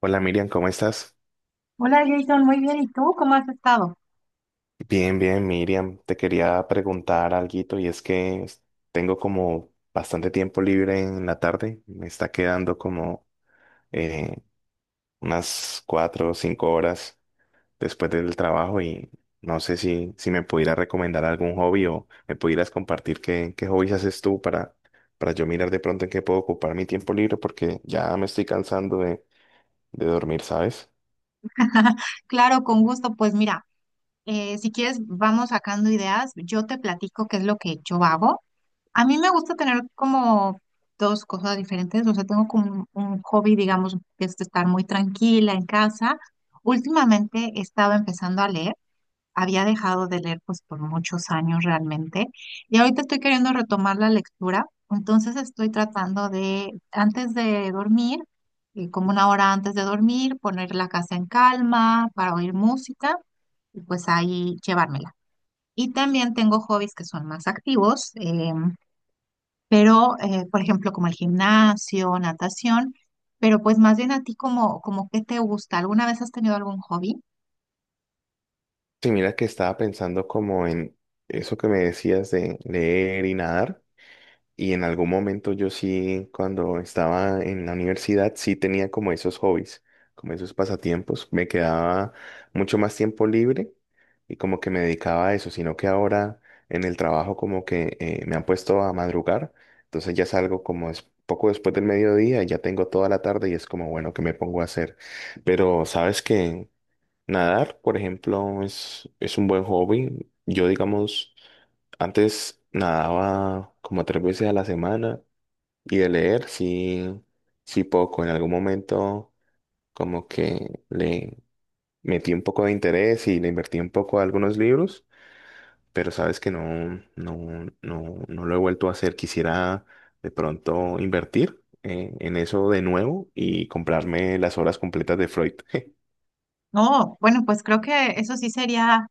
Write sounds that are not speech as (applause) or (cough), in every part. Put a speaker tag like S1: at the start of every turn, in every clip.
S1: Hola, Miriam, ¿cómo estás?
S2: Hola Jason, muy bien. ¿Y tú cómo has estado?
S1: Bien, bien, Miriam. Te quería preguntar alguito y tengo como bastante tiempo libre en la tarde. Me está quedando como eh, unas cuatro o cinco horas después del trabajo y no sé si me pudieras recomendar algún hobby o me pudieras compartir qué hobbies haces tú para yo mirar de pronto en qué puedo ocupar mi tiempo libre porque ya me estoy cansando de dormir, ¿sabes?
S2: (laughs) Claro, con gusto. Pues mira, si quieres vamos sacando ideas. Yo te platico qué es lo que yo hago. A mí me gusta tener como dos cosas diferentes. O sea, tengo como un hobby, digamos, que es estar muy tranquila en casa. Últimamente he estado empezando a leer. Había dejado de leer pues por muchos años realmente, y ahorita estoy queriendo retomar la lectura. Entonces estoy tratando de antes de dormir, como una hora antes de dormir, poner la casa en calma para oír música y pues ahí llevármela. Y también tengo hobbies que son más activos, pero por ejemplo como el gimnasio, natación, pero pues más bien a ti como, como qué te gusta. ¿Alguna vez has tenido algún hobby?
S1: Sí, mira que estaba pensando como en eso que me decías de leer y nadar. Y en algún momento yo sí, cuando estaba en la universidad, sí tenía como esos hobbies, como esos pasatiempos. Me quedaba mucho más tiempo libre y como que me dedicaba a eso, sino que ahora en el trabajo como que me han puesto a madrugar. Entonces ya salgo como es poco después del mediodía, y ya tengo toda la tarde y es como, bueno, ¿qué me pongo a hacer? Pero sabes que nadar, por ejemplo, es un buen hobby. Yo, digamos, antes nadaba como tres veces a la semana y de leer sí, sí poco. En algún momento como que le metí un poco de interés y le invertí un poco a algunos libros, pero sabes que no lo he vuelto a hacer. Quisiera de pronto invertir en eso de nuevo y comprarme las obras completas de Freud. (laughs)
S2: No, bueno, pues creo que eso sí sería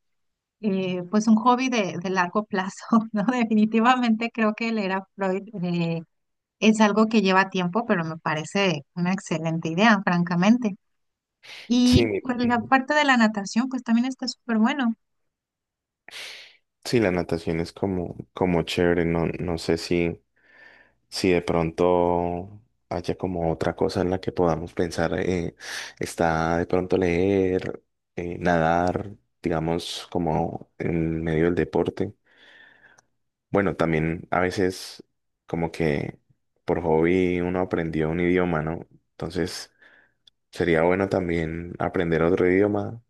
S2: pues un hobby de largo plazo, (laughs) ¿no? Definitivamente creo que leer a Freud es algo que lleva tiempo, pero me parece una excelente idea, francamente.
S1: Sí,
S2: Y
S1: mi-
S2: pues la parte de la natación, pues también está súper bueno.
S1: Sí, la natación es como, como chévere, no sé si de pronto haya como otra cosa en la que podamos pensar, está de pronto leer, nadar, digamos, como en medio del deporte. Bueno, también a veces como que por hobby uno aprendió un idioma, ¿no? Entonces sería bueno también aprender otro idioma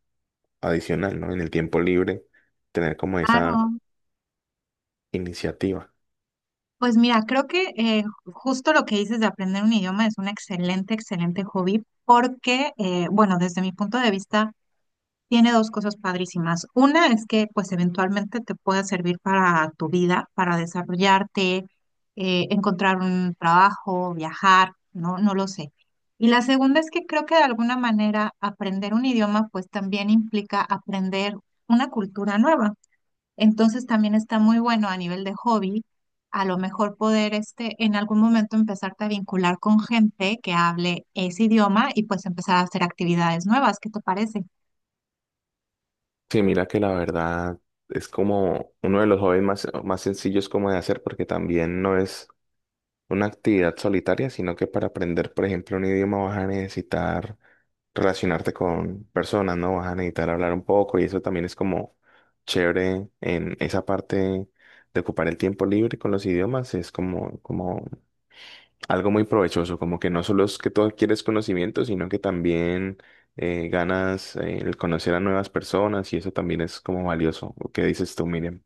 S1: adicional, ¿no? En el tiempo libre, tener como esa
S2: Claro.
S1: iniciativa.
S2: Pues mira, creo que justo lo que dices de aprender un idioma es un excelente, excelente hobby porque, bueno, desde mi punto de vista, tiene dos cosas padrísimas. Una es que pues eventualmente te pueda servir para tu vida, para desarrollarte, encontrar un trabajo, viajar, no, no lo sé. Y la segunda es que creo que de alguna manera aprender un idioma pues también implica aprender una cultura nueva. Entonces también está muy bueno a nivel de hobby, a lo mejor poder este en algún momento empezarte a vincular con gente que hable ese idioma y pues empezar a hacer actividades nuevas. ¿Qué te parece?
S1: Sí, mira que la verdad es como uno de los hobbies más, más sencillos como de hacer porque también no es una actividad solitaria, sino que para aprender, por ejemplo, un idioma vas a necesitar relacionarte con personas, ¿no? Vas a necesitar hablar un poco y eso también es como chévere en esa parte de ocupar el tiempo libre con los idiomas, es como, como algo muy provechoso, como que no solo es que tú adquieres conocimiento, sino que también ganas el conocer a nuevas personas y eso también es como valioso. ¿O ¿Qué dices tú, Miriam?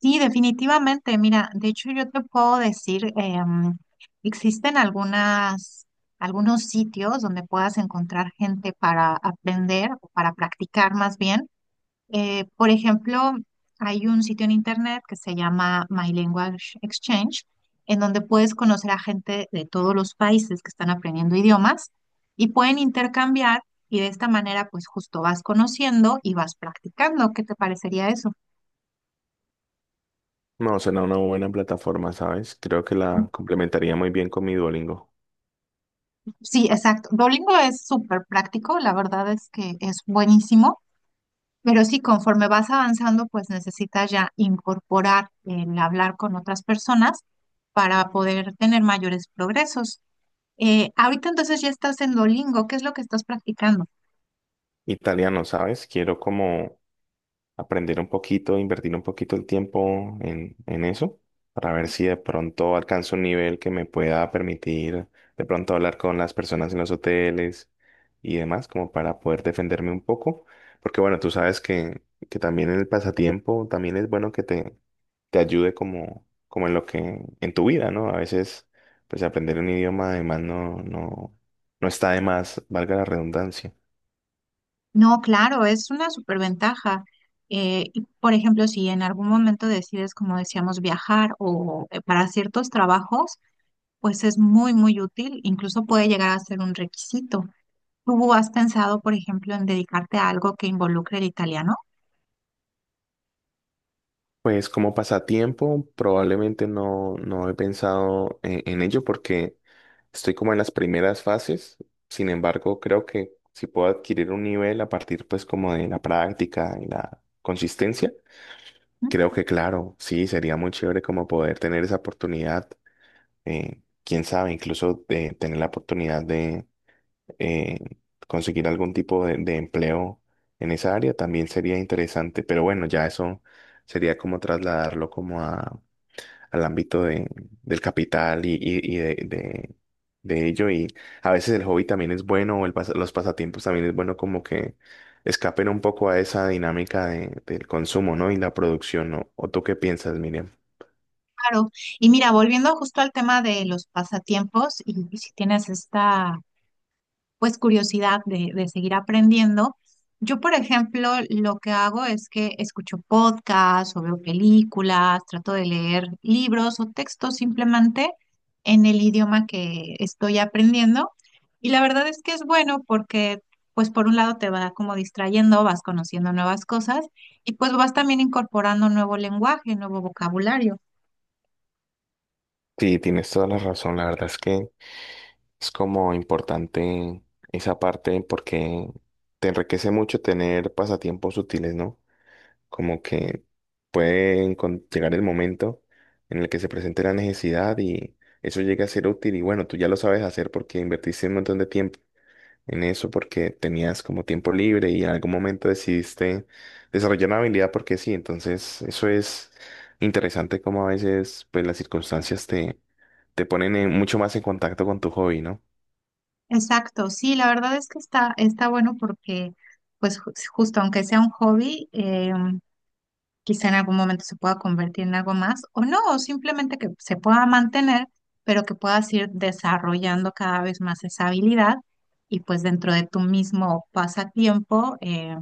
S2: Sí, definitivamente. Mira, de hecho yo te puedo decir, existen algunas, algunos sitios donde puedas encontrar gente para aprender o para practicar más bien. Por ejemplo, hay un sitio en internet que se llama My Language Exchange, en donde puedes conocer a gente de todos los países que están aprendiendo idiomas y pueden intercambiar, y de esta manera pues justo vas conociendo y vas practicando. ¿Qué te parecería eso?
S1: No, será una buena plataforma, ¿sabes? Creo que la complementaría muy bien con mi Duolingo.
S2: Sí, exacto. Duolingo es súper práctico, la verdad es que es buenísimo, pero sí, conforme vas avanzando, pues necesitas ya incorporar el hablar con otras personas para poder tener mayores progresos. Ahorita entonces ya estás en Duolingo, ¿qué es lo que estás practicando?
S1: Italiano, ¿sabes? Quiero como aprender un poquito, invertir un poquito el tiempo en eso, para ver si de pronto alcanzo un nivel que me pueda permitir de pronto hablar con las personas en los hoteles y demás, como para poder defenderme un poco. Porque bueno, tú sabes que también el pasatiempo también es bueno que te ayude como, como en lo que, en tu vida, ¿no? A veces, pues aprender un idioma además no está de más, valga la redundancia.
S2: No, claro, es una súper ventaja. Por ejemplo, si en algún momento decides, como decíamos, viajar o para ciertos trabajos, pues es muy, muy útil, incluso puede llegar a ser un requisito. ¿Tú has pensado, por ejemplo, en dedicarte a algo que involucre el italiano?
S1: Pues como pasatiempo, probablemente no he pensado en ello porque estoy como en las primeras fases. Sin embargo, creo que si puedo adquirir un nivel a partir pues como de la práctica y la consistencia,
S2: Mm.
S1: creo que claro, sí, sería muy chévere como poder tener esa oportunidad. Eh, quién sabe, incluso de tener la oportunidad de eh, conseguir algún tipo de empleo en esa área también sería interesante. Pero bueno, ya eso sería como trasladarlo como a al ámbito de, del capital y de ello. Y a veces el hobby también es bueno, o los pasatiempos también es bueno como que escapen un poco a esa dinámica de, del consumo, ¿no? Y la producción, ¿no? ¿O tú qué piensas, Miriam?
S2: Claro. Y mira, volviendo justo al tema de los pasatiempos, y si tienes esta pues curiosidad de seguir aprendiendo. Yo, por ejemplo, lo que hago es que escucho podcasts o veo películas, trato de leer libros o textos simplemente en el idioma que estoy aprendiendo. Y la verdad es que es bueno porque, pues, por un lado te va como distrayendo, vas conociendo nuevas cosas y pues vas también incorporando nuevo lenguaje, nuevo vocabulario.
S1: Sí, tienes toda la razón. La verdad es que es como importante esa parte porque te enriquece mucho tener pasatiempos útiles, ¿no? Como que puede llegar el momento en el que se presente la necesidad y eso llega a ser útil y bueno, tú ya lo sabes hacer porque invertiste un montón de tiempo en eso porque tenías como tiempo libre y en algún momento decidiste desarrollar una habilidad porque sí, entonces eso es interesante como a veces pues las circunstancias te ponen mucho más en contacto con tu hobby, ¿no?
S2: Exacto, sí, la verdad es que está, está bueno porque, pues, justo aunque sea un hobby, quizá en algún momento se pueda convertir en algo más o no, o simplemente que se pueda mantener, pero que puedas ir desarrollando cada vez más esa habilidad y pues dentro de tu mismo pasatiempo,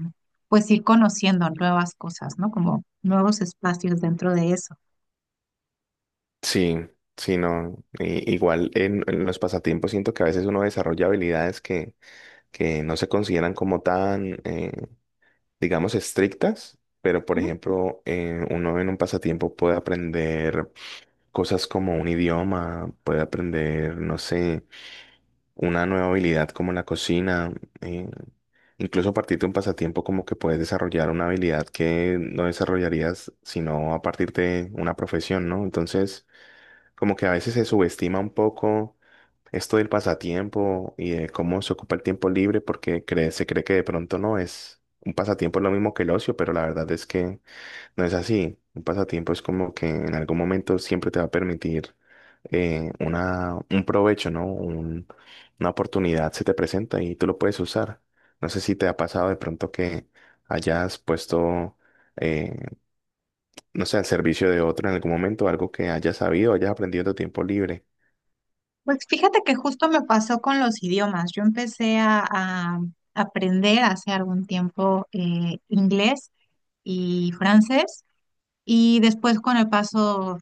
S2: pues ir conociendo nuevas cosas, ¿no? Como nuevos espacios dentro de eso.
S1: Sí, sí, no. Igual en los pasatiempos siento que a veces uno desarrolla habilidades que no se consideran como tan, digamos, estrictas, pero por
S2: Ujú.
S1: ejemplo, uno en un pasatiempo puede aprender cosas como un idioma, puede aprender, no sé, una nueva habilidad como la cocina, eh, incluso a partir de un pasatiempo como que puedes desarrollar una habilidad que no desarrollarías sino a partir de una profesión, ¿no? Entonces, como que a veces se subestima un poco esto del pasatiempo y de cómo se ocupa el tiempo libre, porque se cree que de pronto no es un pasatiempo es lo mismo que el ocio, pero la verdad es que no es así. Un pasatiempo es como que en algún momento siempre te va a permitir un provecho, ¿no? Una oportunidad se te presenta y tú lo puedes usar. No sé si te ha pasado de pronto que hayas puesto, eh, no sé, al servicio de otro en algún momento, algo que hayas sabido, hayas aprendido en tu tiempo libre.
S2: Pues fíjate que justo me pasó con los idiomas. Yo empecé a aprender hace algún tiempo inglés y francés. Y después con el paso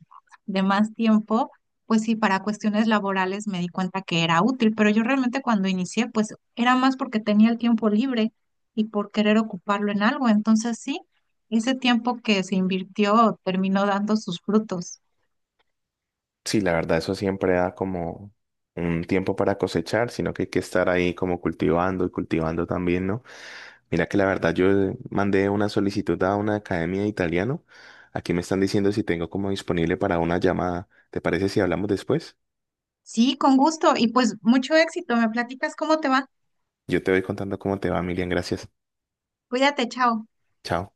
S2: de más tiempo, pues sí, para cuestiones laborales me di cuenta que era útil, pero yo realmente cuando inicié, pues era más porque tenía el tiempo libre y por querer ocuparlo en algo. Entonces sí, ese tiempo que se invirtió terminó dando sus frutos.
S1: Sí, la verdad, eso siempre da como un tiempo para cosechar, sino que hay que estar ahí como cultivando y cultivando también, ¿no? Mira que la verdad, yo mandé una solicitud a una academia de italiano. Aquí me están diciendo si tengo como disponible para una llamada. ¿Te parece si hablamos después?
S2: Sí, con gusto y pues mucho éxito. ¿Me platicas cómo te va?
S1: Yo te voy contando cómo te va, Miriam. Gracias.
S2: Cuídate, chao.
S1: Chao.